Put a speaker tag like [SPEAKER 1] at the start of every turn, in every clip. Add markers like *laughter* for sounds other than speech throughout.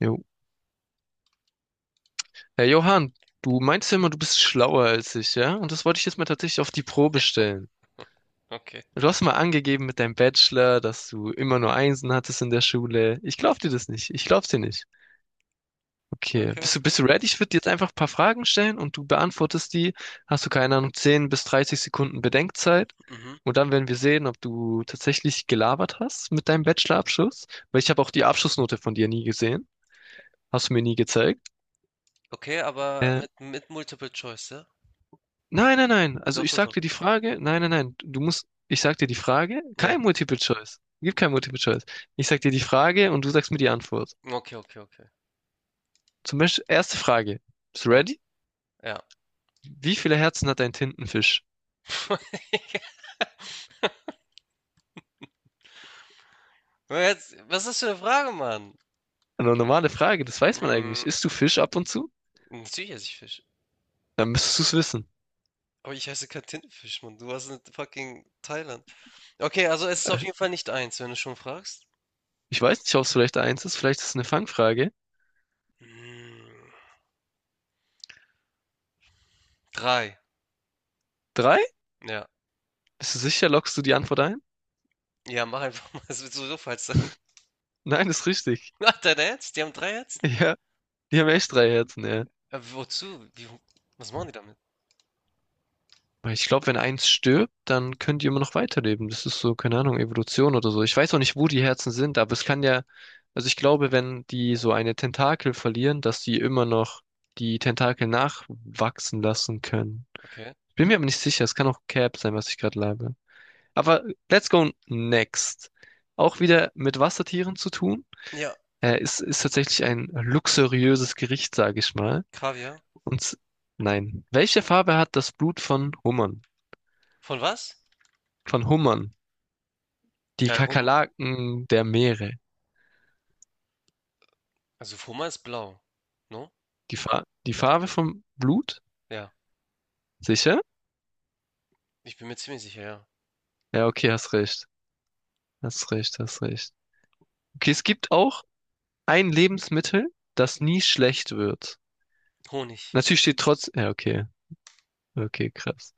[SPEAKER 1] Jo. Herr Johann, du meinst ja immer, du bist schlauer als ich, ja? Und das wollte ich jetzt mal tatsächlich auf die Probe stellen.
[SPEAKER 2] Okay,
[SPEAKER 1] Du hast mal angegeben mit deinem Bachelor, dass du immer nur Einsen hattest in der Schule. Ich glaub dir das nicht. Ich glaub's dir nicht. Okay,
[SPEAKER 2] okay,
[SPEAKER 1] bist du,
[SPEAKER 2] okay.
[SPEAKER 1] bist du ready? Ich würde dir jetzt einfach ein paar Fragen stellen und du beantwortest die. Hast du keine Ahnung, 10 bis 30 Sekunden Bedenkzeit.
[SPEAKER 2] Mhm.
[SPEAKER 1] Und dann werden wir sehen, ob du tatsächlich gelabert hast mit deinem Bachelorabschluss. Weil ich habe auch die Abschlussnote von dir nie gesehen. Hast du mir nie gezeigt.
[SPEAKER 2] Okay, aber
[SPEAKER 1] Äh,
[SPEAKER 2] mit Multiple Choice, ja?
[SPEAKER 1] Nein, nein, nein. Also
[SPEAKER 2] Doch,
[SPEAKER 1] ich
[SPEAKER 2] doch,
[SPEAKER 1] sag
[SPEAKER 2] doch.
[SPEAKER 1] dir die Frage, nein, nein, nein. Du musst, ich sag dir die Frage,
[SPEAKER 2] Ja.
[SPEAKER 1] kein Multiple Choice. Gibt kein Multiple Choice. Ich sag dir die Frage und du sagst mir die Antwort.
[SPEAKER 2] Okay, okay, okay.
[SPEAKER 1] Zum Beispiel, erste Frage. Bist du
[SPEAKER 2] Ja,
[SPEAKER 1] ready?
[SPEAKER 2] ja.
[SPEAKER 1] Wie viele Herzen hat ein Tintenfisch?
[SPEAKER 2] *laughs* Aber jetzt, was ist das für eine Frage, Mann?
[SPEAKER 1] Eine normale Frage, das weiß man eigentlich.
[SPEAKER 2] Mm,
[SPEAKER 1] Isst du Fisch ab und zu?
[SPEAKER 2] Natürlich esse ich Fisch.
[SPEAKER 1] Dann müsstest du es wissen.
[SPEAKER 2] Aber ich heiße kein Tintenfisch, Mann. Du warst in fucking Thailand. Okay, also es ist
[SPEAKER 1] Äh,
[SPEAKER 2] auf jeden Fall nicht eins, wenn du schon fragst.
[SPEAKER 1] Ich weiß nicht, ob es vielleicht eins ist, vielleicht ist es eine Fangfrage.
[SPEAKER 2] Mm, Drei.
[SPEAKER 1] Drei?
[SPEAKER 2] Ja.
[SPEAKER 1] Bist du sicher, lockst du die Antwort ein?
[SPEAKER 2] Ja, mach einfach mal. *laughs* Es wird sowieso falsch sein. *laughs*
[SPEAKER 1] Nein, ist richtig.
[SPEAKER 2] Ach, dein Ernst? Die haben drei Herzen?
[SPEAKER 1] *laughs* Ja, die haben echt drei Herzen, ja.
[SPEAKER 2] Wozu? Wie, was machen die damit?
[SPEAKER 1] Weil ich glaube, wenn eins stirbt, dann können die immer noch weiterleben. Das ist so, keine Ahnung, Evolution oder so. Ich weiß auch nicht, wo die Herzen sind, aber es kann ja, also ich glaube, wenn die so eine Tentakel verlieren, dass die immer noch die Tentakel nachwachsen lassen können.
[SPEAKER 2] Okay.
[SPEAKER 1] Bin mir aber nicht sicher, es kann auch Cap sein, was ich gerade labe. Aber let's go next. Auch wieder mit Wassertieren zu tun.
[SPEAKER 2] Ja,
[SPEAKER 1] Ist tatsächlich ein luxuriöses Gericht, sage ich mal.
[SPEAKER 2] Kaviar.
[SPEAKER 1] Und s- nein. Welche Farbe hat das Blut von Hummern?
[SPEAKER 2] Von was?
[SPEAKER 1] Von Hummern. Die
[SPEAKER 2] Ja, Hum
[SPEAKER 1] Kakerlaken der Meere.
[SPEAKER 2] also Hummer ist blau, no?
[SPEAKER 1] Die Farbe vom Blut?
[SPEAKER 2] Ja,
[SPEAKER 1] Sicher?
[SPEAKER 2] ich bin mir ziemlich sicher, ja.
[SPEAKER 1] Ja, okay, hast recht. Hast recht, hast recht. Okay, es gibt auch ein Lebensmittel, das nie schlecht wird.
[SPEAKER 2] Honig.
[SPEAKER 1] Natürlich steht trotz. Ja, okay. Okay, krass.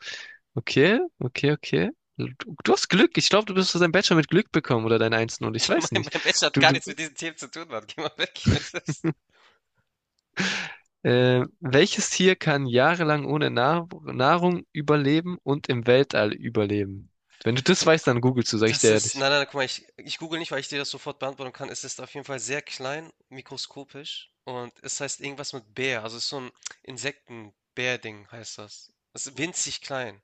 [SPEAKER 1] Okay, okay, okay. Du, du hast Glück. Ich glaube, du bist dein Bachelor mit Glück bekommen oder dein Einsen und ich
[SPEAKER 2] *laughs* Mein
[SPEAKER 1] weiß nicht.
[SPEAKER 2] mein Bachelor hat
[SPEAKER 1] Du,
[SPEAKER 2] gar
[SPEAKER 1] du,
[SPEAKER 2] nichts mit diesen Themen zu tun, Mann. Geh mal weg. *laughs*
[SPEAKER 1] welches Tier kann jahrelang ohne Nahrung überleben und im Weltall überleben? Wenn du das weißt, dann googelst du, sag ich
[SPEAKER 2] Das
[SPEAKER 1] dir
[SPEAKER 2] ist
[SPEAKER 1] ehrlich.
[SPEAKER 2] nein, nein, guck mal, ich google nicht, weil ich dir das sofort beantworten kann. Es ist auf jeden Fall sehr klein, mikroskopisch und es heißt irgendwas mit Bär. Also, es ist so 'n Insektenbär-Ding heißt das. Es ist winzig klein,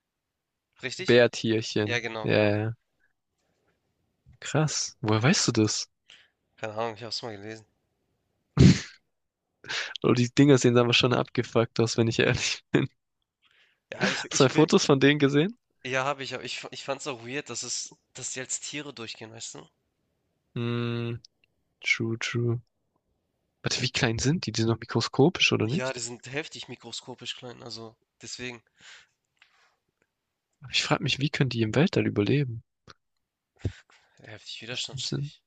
[SPEAKER 2] richtig? Ja,
[SPEAKER 1] Bärtierchen.
[SPEAKER 2] genau,
[SPEAKER 1] Ja, ja,
[SPEAKER 2] genau.
[SPEAKER 1] ja. Krass. Woher weißt du das?
[SPEAKER 2] Keine Ahnung, ich habe es mal gelesen.
[SPEAKER 1] Oh, die Dinger sehen aber schon abgefuckt aus, wenn ich ehrlich.
[SPEAKER 2] Ja,
[SPEAKER 1] *laughs*
[SPEAKER 2] ich
[SPEAKER 1] Hast du mal
[SPEAKER 2] ich bin
[SPEAKER 1] Fotos von denen gesehen?
[SPEAKER 2] ja, habe ich, aber ich fand's auch weird, dass es dass die als Tiere durchgehen, weißt du?
[SPEAKER 1] Hm, true, true. Warte, wie klein sind die? Die sind noch mikroskopisch, oder
[SPEAKER 2] Ja, die
[SPEAKER 1] nicht?
[SPEAKER 2] sind heftig mikroskopisch klein, also deswegen
[SPEAKER 1] Aber ich frage mich, wie können die im Weltall überleben?
[SPEAKER 2] heftig
[SPEAKER 1] Müssen-
[SPEAKER 2] widerstandsfähig.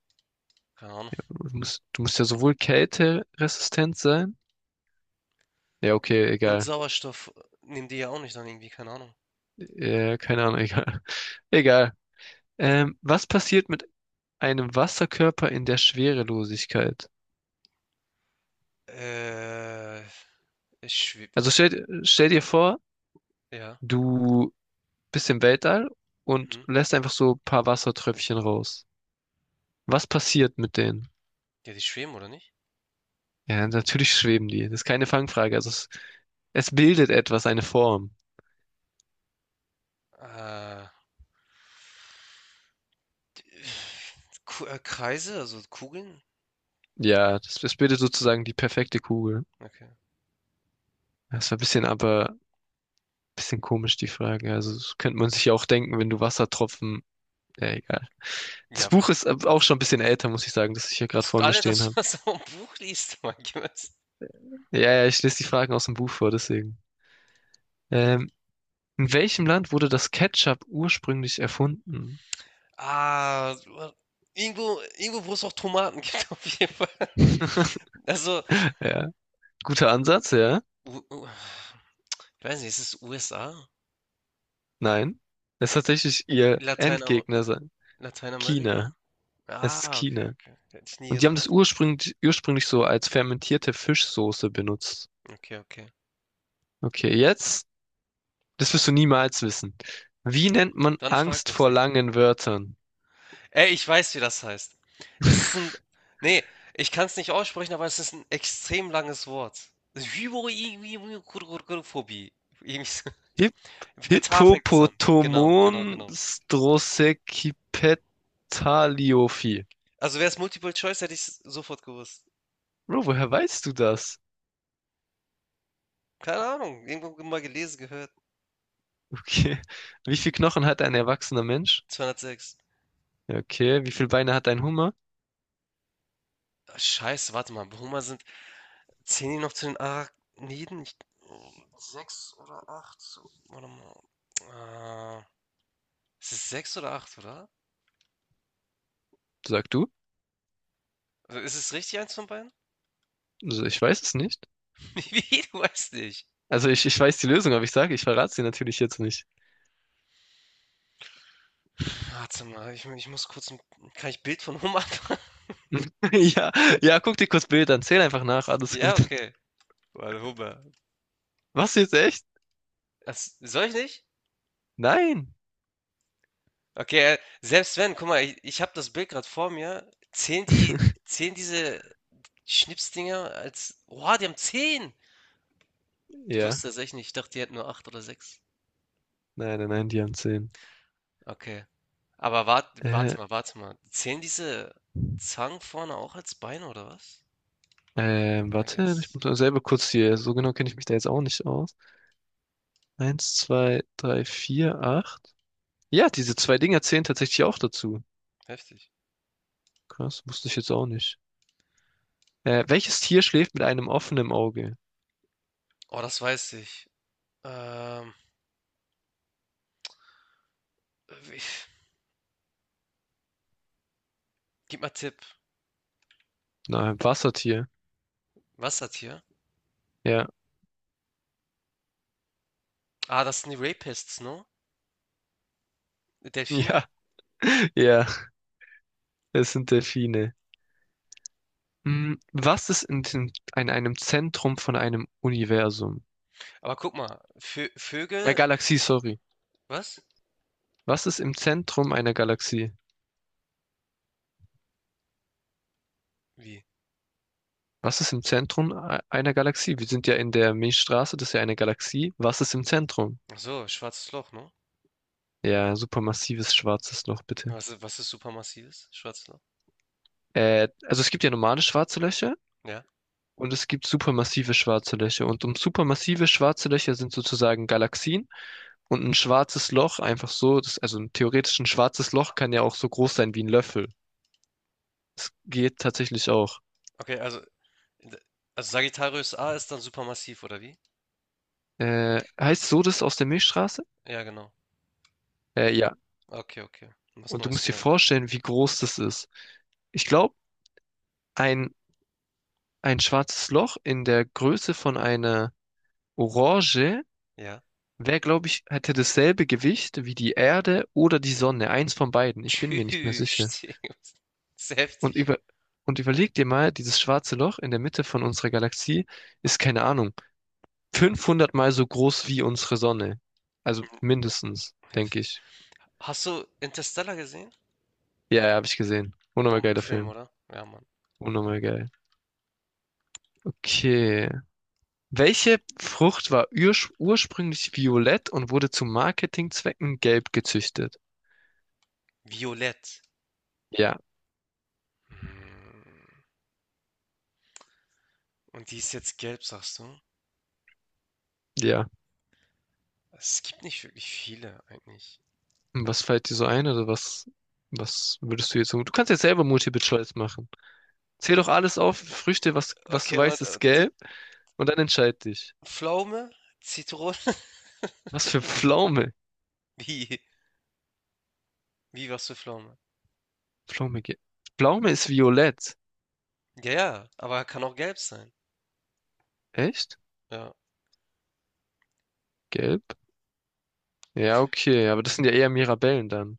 [SPEAKER 2] Keine Ahnung.
[SPEAKER 1] Du musst ja sowohl kälteresistent sein. Ja, okay,
[SPEAKER 2] Und
[SPEAKER 1] egal.
[SPEAKER 2] Sauerstoff nehmen die ja auch nicht dann irgendwie, keine Ahnung.
[SPEAKER 1] Keine Ahnung, egal. *laughs* Egal. Was passiert mit einem Wasserkörper in der Schwerelosigkeit?
[SPEAKER 2] Äh, Es schwebt.
[SPEAKER 1] Also stell dir vor,
[SPEAKER 2] Ja.
[SPEAKER 1] du bisschen Weltall und
[SPEAKER 2] Mhm.
[SPEAKER 1] lässt einfach so ein paar Wassertröpfchen raus. Was passiert mit denen?
[SPEAKER 2] Ja, die schweben, oder nicht?
[SPEAKER 1] Ja, natürlich schweben die. Das ist keine Fangfrage. Es bildet etwas, eine Form.
[SPEAKER 2] Äh, Kreise, also Kugeln?
[SPEAKER 1] Ja, das bildet sozusagen die perfekte Kugel.
[SPEAKER 2] Okay.
[SPEAKER 1] Das war ein bisschen, aber ein bisschen komisch, die Frage. Also das könnte man sich ja auch denken, wenn du Wassertropfen. Ja, egal. Das
[SPEAKER 2] Ja,
[SPEAKER 1] Buch ist auch schon ein bisschen älter, muss ich sagen, das ich hier gerade
[SPEAKER 2] hast du
[SPEAKER 1] vor mir
[SPEAKER 2] alle
[SPEAKER 1] stehen
[SPEAKER 2] das, *laughs*
[SPEAKER 1] habe.
[SPEAKER 2] was du im Buch liest, mein Gott.
[SPEAKER 1] Ja, ja, ich lese die Fragen aus dem Buch vor, deswegen. Ähm, in welchem Land wurde das Ketchup ursprünglich erfunden?
[SPEAKER 2] Ah, wa- Irgendwo, irgendwo, wo es auch Tomaten gibt, *laughs* auf jeden Fall.
[SPEAKER 1] *laughs*
[SPEAKER 2] Also,
[SPEAKER 1] Ja. Guter Ansatz, ja.
[SPEAKER 2] U U ich weiß nicht, ist es USA?
[SPEAKER 1] Nein. Es ist tatsächlich ihr
[SPEAKER 2] Lateinamer
[SPEAKER 1] Endgegner, China.
[SPEAKER 2] Lateinamerika?
[SPEAKER 1] Es ist
[SPEAKER 2] Ah, okay,
[SPEAKER 1] China.
[SPEAKER 2] okay. Hätte ich nie
[SPEAKER 1] Und die haben das
[SPEAKER 2] gedacht.
[SPEAKER 1] ursprünglich, ursprünglich so als fermentierte Fischsoße benutzt.
[SPEAKER 2] Okay, okay.
[SPEAKER 1] Okay, jetzt, das wirst du niemals wissen. Wie nennt man
[SPEAKER 2] Dann frag
[SPEAKER 1] Angst
[SPEAKER 2] mich,
[SPEAKER 1] vor
[SPEAKER 2] Digga.
[SPEAKER 1] langen Wörtern?
[SPEAKER 2] Ey, ich weiß, wie das heißt. Das ist ein.
[SPEAKER 1] *laughs*
[SPEAKER 2] Nee, ich kann es nicht aussprechen, aber es ist ein extrem langes Wort. Hypochondrophobie. Irgendwie so.
[SPEAKER 1] Hi
[SPEAKER 2] Mit H fängt es an. Genau, genau,
[SPEAKER 1] Hippopotomon
[SPEAKER 2] genau.
[SPEAKER 1] Strosekipetaliophi.
[SPEAKER 2] Also wäre es Multiple Choice, hätte ich es sofort gewusst.
[SPEAKER 1] Bro, woher weißt du das?
[SPEAKER 2] Keine Ahnung, irgendwo mal gelesen, gehört.
[SPEAKER 1] Okay. Wie viel Knochen hat ein erwachsener Mensch?
[SPEAKER 2] 206.
[SPEAKER 1] Ja, okay. Wie viele Beine hat ein Hummer?
[SPEAKER 2] Ah, Scheiße, warte mal. Hummer sind Zählen die noch zu den Arachniden? Sechs oder acht? So, warte mal. Ist es sechs oder acht, oder?
[SPEAKER 1] Sag du?
[SPEAKER 2] Also ist es richtig, eins von beiden?
[SPEAKER 1] Also ich weiß es nicht.
[SPEAKER 2] *laughs* Wie, du weißt nicht.
[SPEAKER 1] Also ich weiß die Lösung, aber ich sage, ich verrate sie natürlich jetzt nicht.
[SPEAKER 2] Warte mal, ich muss kurz ein. Kann ich Bild von Hummer machen? *laughs*
[SPEAKER 1] *laughs* Ja, ja, guck dir kurz Bilder an, zähl einfach nach, alles
[SPEAKER 2] Ja,
[SPEAKER 1] gut. *laughs*
[SPEAKER 2] okay. Warte, Hummer.
[SPEAKER 1] Was jetzt echt?
[SPEAKER 2] Das, soll ich nicht?
[SPEAKER 1] Nein.
[SPEAKER 2] Okay, selbst wenn, guck mal, ich habe das Bild gerade vor mir.
[SPEAKER 1] *laughs*
[SPEAKER 2] Zählen diese Schnipsdinger als. Oha, die haben zehn! Ich
[SPEAKER 1] Ja,
[SPEAKER 2] wusste das echt nicht. Ich dachte, die hätten nur acht oder sechs.
[SPEAKER 1] nein, nein, nein, die haben zehn.
[SPEAKER 2] Okay. Aber warte, warte
[SPEAKER 1] Äh,
[SPEAKER 2] mal, warte mal. Zählen diese Zangen vorne auch als Beine oder was? Okay, I
[SPEAKER 1] warte, ich
[SPEAKER 2] guess.
[SPEAKER 1] muss mal selber kurz hier, so genau kenne ich mich da jetzt auch nicht aus. Eins, zwei, drei, vier, acht. Ja, diese zwei Dinger zählen tatsächlich auch dazu.
[SPEAKER 2] Heftig.
[SPEAKER 1] Krass, wusste ich jetzt auch nicht. Welches Tier schläft mit einem offenen Auge?
[SPEAKER 2] Oh, das weiß ich. Ähm, wie- Gib mal Tipp.
[SPEAKER 1] Na, ein Wassertier.
[SPEAKER 2] Wassertier.
[SPEAKER 1] Ja,
[SPEAKER 2] Ah, das sind die Rapists, ne?
[SPEAKER 1] *laughs*
[SPEAKER 2] Delfine?
[SPEAKER 1] ja, ja. Es sind Delfine. Hm, was ist in einem Zentrum von einem Universum?
[SPEAKER 2] Aber guck mal, Vö Vögel,
[SPEAKER 1] Galaxie, sorry.
[SPEAKER 2] was?
[SPEAKER 1] Was ist im Zentrum einer Galaxie?
[SPEAKER 2] Wie?
[SPEAKER 1] Was ist im Zentrum einer Galaxie? Wir sind ja in der Milchstraße, das ist ja eine Galaxie. Was ist im Zentrum?
[SPEAKER 2] Ach so, schwarzes Loch, ne?
[SPEAKER 1] Ja, supermassives schwarzes Loch, bitte.
[SPEAKER 2] Was ist supermassives? Schwarzes Loch?
[SPEAKER 1] Also es gibt ja normale schwarze Löcher
[SPEAKER 2] Ja.
[SPEAKER 1] und es gibt supermassive schwarze Löcher. Und um supermassive schwarze Löcher sind sozusagen Galaxien. Und ein schwarzes Loch einfach so, das, also ein theoretisch ein schwarzes Loch kann ja auch so groß sein wie ein Löffel. Es geht tatsächlich auch.
[SPEAKER 2] Okay, d- also Sagittarius A ist dann supermassiv, oder wie?
[SPEAKER 1] Heißt so das aus der Milchstraße?
[SPEAKER 2] Ja, genau.
[SPEAKER 1] Ja.
[SPEAKER 2] Okay, okay. Was
[SPEAKER 1] Und du
[SPEAKER 2] Neues
[SPEAKER 1] musst dir
[SPEAKER 2] gelernt, guck mal.
[SPEAKER 1] vorstellen, wie groß das ist. Ich glaube, ein, ein schwarzes Loch in der Größe von einer Orange
[SPEAKER 2] Ja.
[SPEAKER 1] wäre, glaube ich, hätte dasselbe Gewicht wie die Erde oder die Sonne. Eins von beiden. Ich bin mir nicht mehr sicher.
[SPEAKER 2] Tschüss. *laughs* Das ist
[SPEAKER 1] Und
[SPEAKER 2] heftig,
[SPEAKER 1] über, und überleg dir mal, dieses schwarze Loch in der Mitte von unserer Galaxie ist, keine Ahnung, 500 mal so groß wie unsere Sonne. Also mindestens, denke
[SPEAKER 2] heftig.
[SPEAKER 1] ich.
[SPEAKER 2] Hast du Interstellar gesehen?
[SPEAKER 1] Ja, ja, habe ich gesehen. Unnormal geiler
[SPEAKER 2] Bombenfilm,
[SPEAKER 1] Film.
[SPEAKER 2] oder? Ja, Mann.
[SPEAKER 1] Unnormal geil. Okay. Welche Frucht war ursprünglich violett und wurde zu Marketingzwecken gelb gezüchtet?
[SPEAKER 2] Violett.
[SPEAKER 1] Ja,
[SPEAKER 2] Hm. Und die ist jetzt gelb, sagst du?
[SPEAKER 1] ja.
[SPEAKER 2] Es gibt nicht wirklich viele eigentlich.
[SPEAKER 1] Und was fällt dir so ein oder was, was würdest du jetzt so? Du kannst jetzt selber Multiple Choice machen. Zähl doch alles auf, Früchte, was du
[SPEAKER 2] Okay, und
[SPEAKER 1] weißt, ist gelb und dann entscheid dich.
[SPEAKER 2] Pflaume, Zitrone,
[SPEAKER 1] Was für Pflaume?
[SPEAKER 2] *laughs* wie, wie was für Pflaume?
[SPEAKER 1] Pflaume, ge- Pflaume ist violett.
[SPEAKER 2] Ja, ja, aber kann auch gelb sein.
[SPEAKER 1] Echt?
[SPEAKER 2] Ja,
[SPEAKER 1] Gelb? Ja, okay, aber das sind ja eher Mirabellen dann.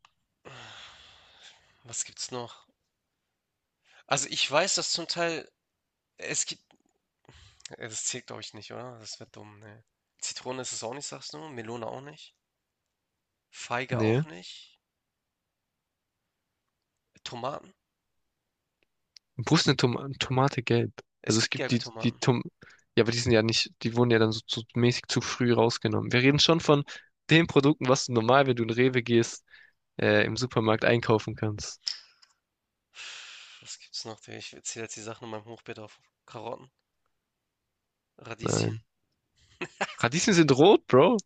[SPEAKER 2] was gibt's noch? Also ich weiß, dass zum Teil, es gibt, das zählt glaube ich nicht, oder? Das wird dumm, ne. Zitrone ist es auch nicht, sagst du? Melone auch nicht? Feige
[SPEAKER 1] Nee.
[SPEAKER 2] auch nicht. Tomaten?
[SPEAKER 1] Wo ist eine Tomate gelb?
[SPEAKER 2] Es
[SPEAKER 1] Also es
[SPEAKER 2] gibt
[SPEAKER 1] gibt
[SPEAKER 2] gelbe
[SPEAKER 1] die,
[SPEAKER 2] Tomaten.
[SPEAKER 1] Ja, aber die sind ja nicht, die wurden ja dann so, so mäßig zu früh rausgenommen. Wir reden schon von den Produkten, was du normal, wenn du in Rewe gehst, im Supermarkt einkaufen kannst.
[SPEAKER 2] Was gibt's noch? Ich zähle jetzt die Sachen in meinem Hochbeet auf. Karotten, Radieschen.
[SPEAKER 1] Nein.
[SPEAKER 2] *laughs*
[SPEAKER 1] Radieschen sind rot, Bro.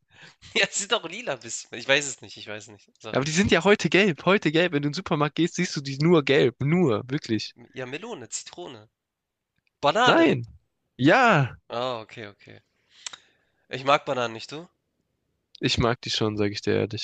[SPEAKER 2] Ja, es sind auch lila bisschen. Ich weiß es nicht, ich weiß es nicht. Sag.
[SPEAKER 1] Aber die sind ja heute gelb, heute gelb. Wenn du in den Supermarkt gehst, siehst du die nur gelb, nur, wirklich.
[SPEAKER 2] Ja, Melone, Zitrone. Banane.
[SPEAKER 1] Nein. Ja,
[SPEAKER 2] Ah, okay, okay. Ich mag Bananen nicht, du?
[SPEAKER 1] ich mag die schon, sage ich dir ehrlich.